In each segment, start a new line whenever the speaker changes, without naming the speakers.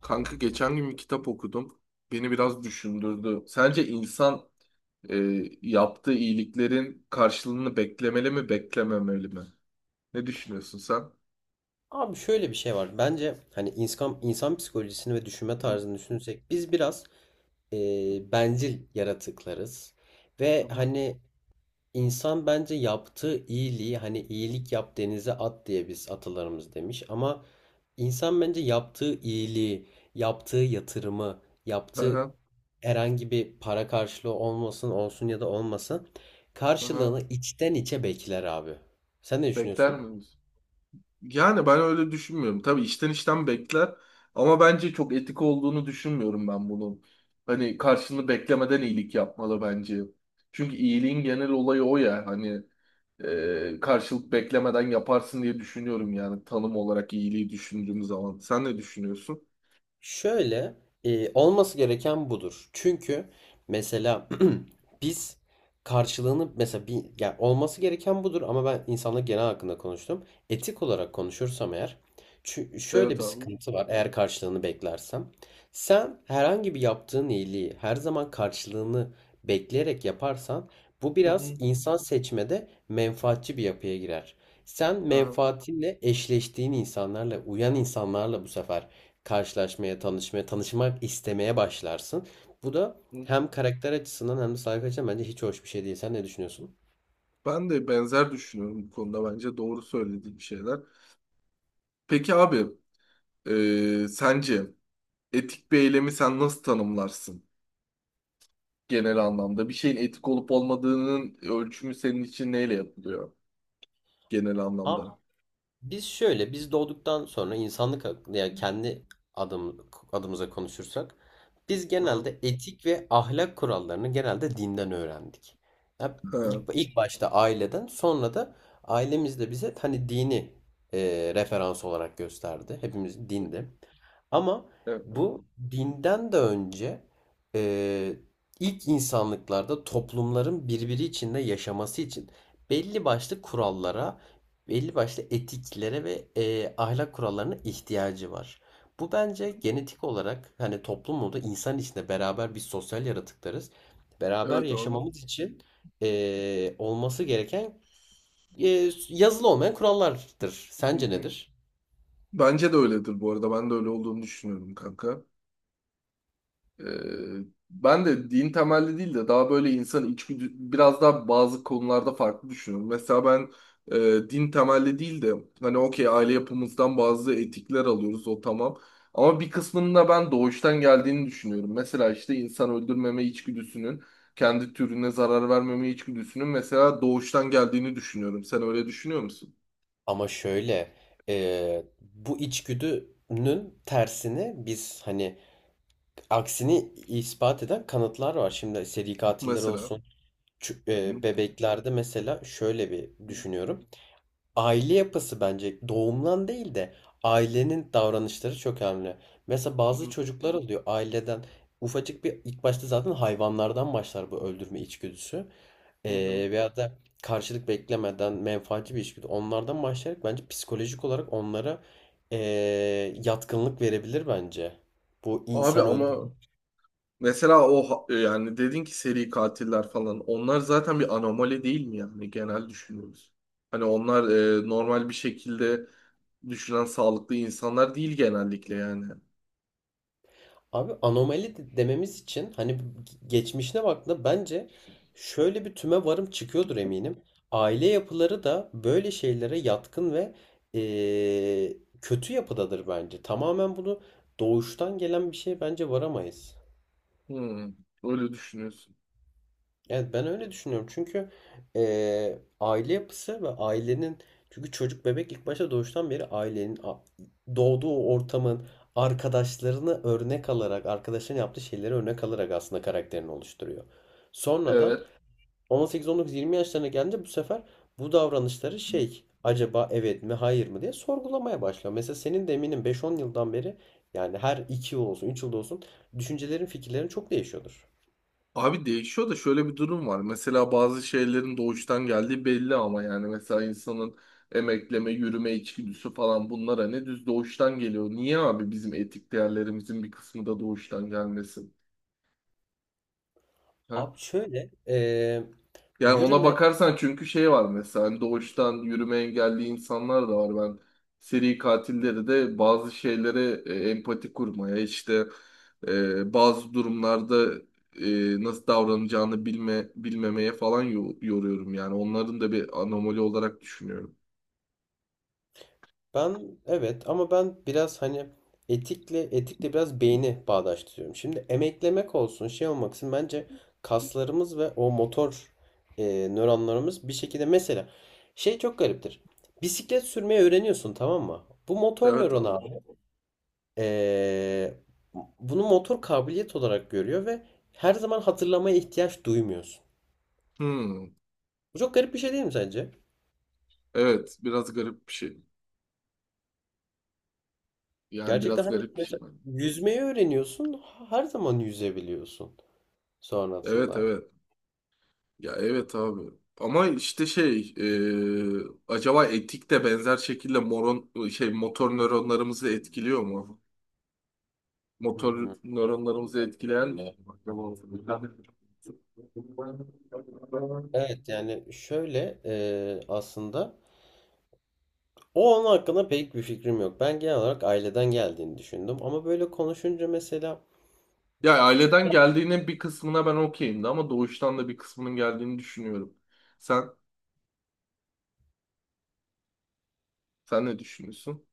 Kanka geçen gün bir kitap okudum. Beni biraz düşündürdü. Sence insan e, yaptığı iyiliklerin karşılığını beklemeli mi, beklememeli mi? Ne düşünüyorsun sen?
Abi şöyle bir şey var. Bence hani insan psikolojisini ve düşünme
Hı
tarzını düşünürsek biz biraz e, bencil yaratıklarız. Ve
hı.
hani insan bence yaptığı iyiliği hani iyilik yap denize at diye biz atalarımız demiş. Ama insan bence yaptığı iyiliği, yaptığı yatırımı, yaptığı
Aha,
herhangi bir para karşılığı olsun ya da olmasın
aha.
karşılığını içten içe bekler abi. Sen ne
Bekler
düşünüyorsun?
miyiz? Yani ben öyle düşünmüyorum. Tabii işten bekler ama bence çok etik olduğunu düşünmüyorum ben bunun. Hani karşılığını beklemeden iyilik yapmalı bence. Çünkü iyiliğin genel olayı o ya hani karşılık beklemeden yaparsın diye düşünüyorum yani tanım olarak iyiliği düşündüğüm zaman. Sen ne düşünüyorsun?
Şöyle olması gereken budur. Çünkü mesela biz karşılığını mesela bir yani olması gereken budur ama ben insanlık genel hakkında konuştum. Etik olarak konuşursam eğer şöyle
Evet
bir
abi.
sıkıntı var eğer karşılığını beklersem. Sen herhangi bir yaptığın iyiliği her zaman karşılığını bekleyerek yaparsan bu
Hı
biraz
hı.
insan seçmede menfaatçi bir yapıya girer. Sen
Aha.
menfaatinle eşleştiğin insanlarla, uyan insanlarla bu sefer karşılaşmaya, tanışmaya, tanışmak istemeye başlarsın. Bu da
Hı.
hem karakter açısından hem de sayfa açısından bence hiç hoş bir şey değil. Sen ne düşünüyorsun?
Ben de benzer düşünüyorum bu konuda bence doğru söylediğim şeyler. Peki abi, sence etik bir eylemi sen nasıl tanımlarsın? Genel anlamda? Bir şeyin etik olup olmadığının ölçümü senin için neyle yapılıyor genel anlamda?
Biz doğduktan sonra insanlık hakkında yani kendi adımıza konuşursak biz
Aha.
genelde etik ve ahlak kurallarını genelde dinden öğrendik. Ya ilk,
Ha,
ilk başta aileden sonra da ailemiz de bize hani dini referans olarak gösterdi. Hepimiz dinde. Ama
evet.
bu dinden de önce e, ilk insanlıklarda toplumların birbiri içinde yaşaması için belli başlı kurallara belli başlı etiklere ve ahlak kurallarına ihtiyacı var. Bu bence genetik olarak hani toplumda insan içinde beraber biz sosyal yaratıklarız. Beraber
Evet abi.
yaşamamız için olması gereken yazılı olmayan kurallardır.
Hı
Sence
hı.
nedir?
Bence de öyledir bu arada. Ben de öyle olduğunu düşünüyorum kanka. Ee, ben de din temelli değil de daha böyle insan içgüdü biraz daha bazı konularda farklı düşünüyorum. Mesela ben, din temelli değil de hani okey aile yapımızdan bazı etikler alıyoruz o tamam. Ama bir kısmının da ben doğuştan geldiğini düşünüyorum. Mesela işte insan öldürmeme içgüdüsünün, kendi türüne zarar vermeme içgüdüsünün mesela doğuştan geldiğini düşünüyorum. Sen öyle düşünüyor musun?
Ama şöyle bu içgüdünün tersini biz hani aksini ispat eden kanıtlar var. Şimdi seri katiller
Mesela.
olsun. Çü-
Hı
Bebeklerde mesela şöyle bir düşünüyorum. Aile yapısı bence doğumdan değil de ailenin davranışları çok önemli. Mesela bazı
hı
çocuklar oluyor aileden ufacık bir ilk başta zaten hayvanlardan başlar bu öldürme içgüdüsü.
hı hı.
Veya da karşılık beklemeden menfaatçi bir içgüdü. Onlardan başlayarak bence psikolojik olarak onlara yatkınlık verebilir bence. Bu
Abi
insan
ama
öldürme.
mesela o yani dedin ki seri katiller falan onlar zaten bir anomali değil mi yani genel düşünüyoruz. Hani onlar normal bir şekilde düşünen sağlıklı insanlar değil genellikle yani.
Abi anomali dememiz için hani geçmişine baktığında bence şöyle bir tüme varım çıkıyordur eminim. Aile yapıları da böyle şeylere yatkın ve eee, kötü yapıdadır bence. Tamamen bunu doğuştan gelen bir şey bence varamayız.
Hmm, öyle düşünüyorsun.
Evet ben öyle düşünüyorum. Çünkü aile yapısı ve ailenin çünkü çocuk bebek ilk başta doğuştan beri ailenin doğduğu ortamın arkadaşlarını örnek alarak arkadaşların yaptığı şeyleri örnek alarak aslında karakterini oluşturuyor. Sonradan
Evet.
18-19-20 yaşlarına gelince bu sefer bu davranışları şey acaba evet mi hayır mı diye sorgulamaya başlıyor. Mesela senin de eminim 5-10 yıldan beri yani her 2 yıl olsun 3 yılda olsun düşüncelerin fikirlerin çok değişiyordur.
Abi değişiyor da şöyle bir durum var. Mesela bazı şeylerin doğuştan geldiği belli ama yani mesela insanın emekleme, yürüme içgüdüsü falan bunlar hani düz doğuştan geliyor. Niye abi bizim etik değerlerimizin bir kısmı da doğuştan gelmesin? Ha?
Abi şöyle
Yani ona
yürüme
bakarsan çünkü şey var mesela hani doğuştan yürüme engelli insanlar da var. Ben seri katilleri de bazı şeylere empati kurmaya işte, bazı durumlarda, nasıl davranacağını bilme bilmemeye falan yoruyorum yani. Onların da bir anomali olarak düşünüyorum.
ben evet ama ben biraz hani etikle biraz beyni bağdaştırıyorum. Şimdi emeklemek olsun şey olmaksın bence kaslarımız ve o motor nöronlarımız bir şekilde mesela şey çok gariptir. Bisiklet sürmeyi öğreniyorsun tamam mı? Bu motor
Evet
nöron
abi.
abi eee, bunu motor kabiliyet olarak görüyor ve her zaman hatırlamaya ihtiyaç duymuyorsun.
Hmm.
Bu çok garip bir şey değil mi sence?
Evet, biraz garip bir şey. Yani
Gerçekten
biraz
hani
garip bir şey
mesela
bence.
yüzmeyi öğreniyorsun, her zaman yüzebiliyorsun
Evet
sonrasında.
evet. Ya evet abi. Ama işte acaba etik de benzer şekilde moron şey motor nöronlarımızı etkiliyor mu?
Hı
Motor
hı.
nöronlarımızı etkileyen mi?
Evet yani şöyle aslında onun hakkında pek bir fikrim yok. Ben genel olarak aileden geldiğini düşündüm ama böyle konuşunca mesela
Ya
küçük
aileden geldiğinin bir kısmına ben okeyim de ama doğuştan da bir kısmının geldiğini düşünüyorum. Sen sen ne düşünüyorsun?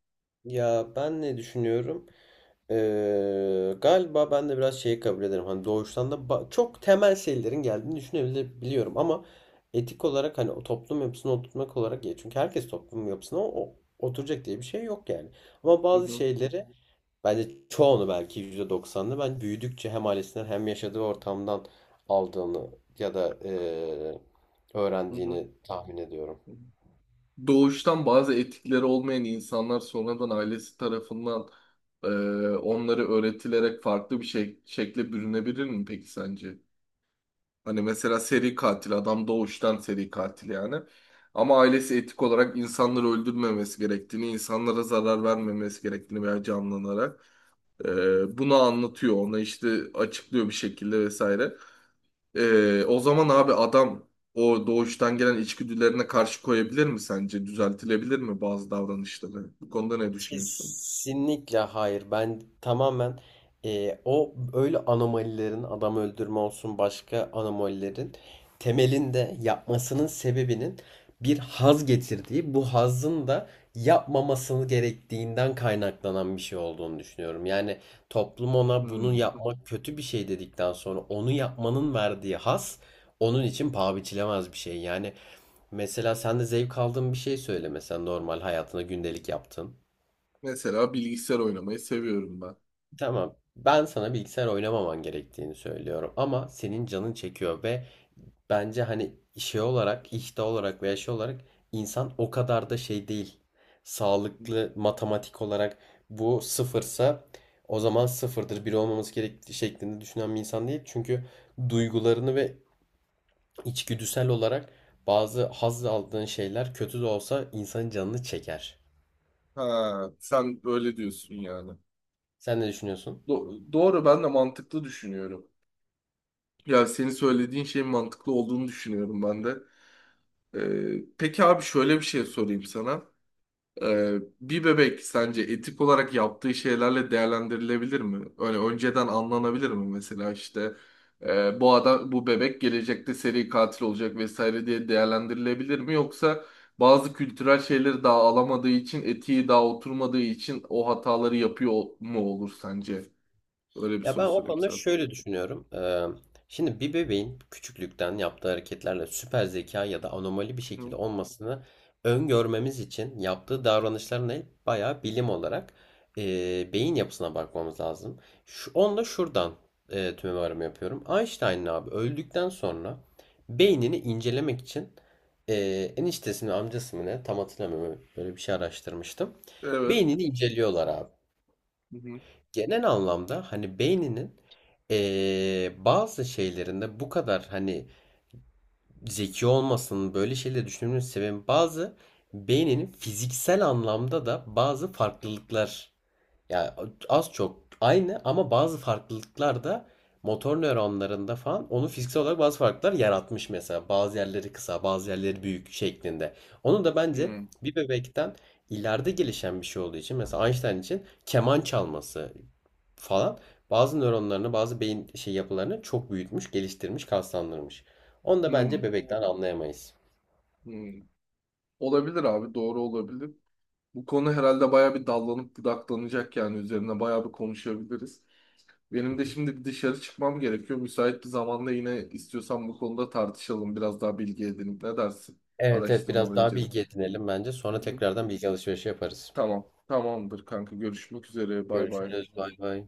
ya ben ne düşünüyorum? Galiba ben de biraz şeyi kabul ederim. Hani doğuştan da çok temel şeylerin geldiğini düşünebiliyorum ama etik olarak hani o toplum yapısına oturtmak olarak ya çünkü herkes toplum yapısına oturacak diye bir şey yok yani. Ama
Hı
bazı
hı
şeyleri bence çoğunu belki %90'ını ben büyüdükçe hem ailesinden hem yaşadığı ortamdan aldığını ya da
hı hı.
öğrendiğini tahmin ediyorum.
Hı. Doğuştan bazı etikleri olmayan insanlar sonradan ailesi tarafından, e, onları öğretilerek farklı bir şekle bürünebilir mi peki sence? Hani mesela seri katil adam doğuştan seri katil yani. Ama ailesi etik olarak insanları öldürmemesi gerektiğini, insanlara zarar vermemesi gerektiğini veya canlanarak bunu anlatıyor. Ona işte açıklıyor bir şekilde vesaire. O zaman abi adam o doğuştan gelen içgüdülerine karşı koyabilir mi sence? Düzeltilebilir mi bazı davranışları? Bu konuda ne düşünüyorsun?
Kesinlikle hayır. Ben tamamen o öyle anomalilerin adam öldürme olsun başka anomalilerin temelinde yapmasının sebebinin bir haz getirdiği bu hazın da yapmamasını gerektiğinden kaynaklanan bir şey olduğunu düşünüyorum. Yani toplum ona bunu
Hmm.
yapmak kötü bir şey dedikten sonra onu yapmanın verdiği haz onun için paha biçilemez bir şey. Yani mesela sen de zevk aldığın bir şey söyle mesela normal hayatında gündelik yaptığın.
Mesela bilgisayar oynamayı seviyorum ben.
Tamam. Ben sana bilgisayar oynamaman gerektiğini söylüyorum ama senin canın çekiyor ve bence hani şey olarak, işte olarak veya şey olarak insan o kadar da şey değil. Sağlıklı matematik olarak bu sıfırsa o zaman sıfırdır, bir olmaması gerektiği şeklinde düşünen bir insan değil. Çünkü duygularını ve içgüdüsel olarak bazı haz aldığın şeyler kötü de olsa insanın canını çeker.
Ha, sen öyle diyorsun yani.
Sen ne düşünüyorsun?
Doğru, ben de mantıklı düşünüyorum. Ya senin söylediğin şeyin mantıklı olduğunu düşünüyorum ben de. Peki abi şöyle bir şey sorayım sana. Bir bebek sence etik olarak yaptığı şeylerle değerlendirilebilir mi? Öyle önceden anlanabilir mi mesela işte, bu adam bu bebek gelecekte seri katil olacak vesaire diye değerlendirilebilir mi? Yoksa bazı kültürel şeyleri daha alamadığı için etiği daha oturmadığı için o hataları yapıyor mu olur sence? Öyle bir
Ya ben
soru
o
sorayım
konuda
sana.
şöyle düşünüyorum. Şimdi bir bebeğin küçüklükten yaptığı hareketlerle süper zeka ya da anomali bir
Hı.
şekilde olmasını öngörmemiz için yaptığı davranışlarına bayağı bilim olarak beyin yapısına bakmamız lazım. Onunla şuradan tüme varımı yapıyorum. Einstein'ın abi öldükten sonra beynini incelemek için e, eniştesini amcası mı ne tam hatırlamıyorum böyle bir şey araştırmıştım.
Evet.
Beynini inceliyorlar abi
Hı hı.
genel anlamda hani beyninin bazı şeylerinde bu kadar hani zeki olmasının böyle şeyleri düşünmenin sebebi bazı beyninin fiziksel anlamda da bazı farklılıklar ya az çok aynı ama bazı farklılıklar da motor nöronlarında falan onu fiziksel olarak bazı farklılıklar yaratmış mesela. Bazı yerleri kısa, bazı yerleri büyük şeklinde. Onu da bence
Hı.
bir bebekten ileride gelişen bir şey olduğu için mesela Einstein için keman çalması falan bazı nöronlarını, bazı beyin şey yapılarını çok büyütmüş, geliştirmiş, kaslandırmış. Onu da
Hı.
bence bebekten anlayamayız.
Hı. Olabilir abi, doğru olabilir. Bu konu herhalde bayağı bir dallanıp budaklanacak, yani üzerine bayağı bir konuşabiliriz.
Hı
Benim de
hı.
şimdi bir dışarı çıkmam gerekiyor. Müsait bir zamanda yine istiyorsan bu konuda tartışalım. Biraz daha bilgi edinip, ne dersin?
Evet, evet, biraz
Araştırmaları
daha
incelip.
bilgi edinelim bence.
Hı
Sonra
hı.
tekrardan bilgi alışverişi yaparız.
Tamam. Tamamdır kanka. Görüşmek üzere. Bay bay.
Görüşürüz. Bay bay.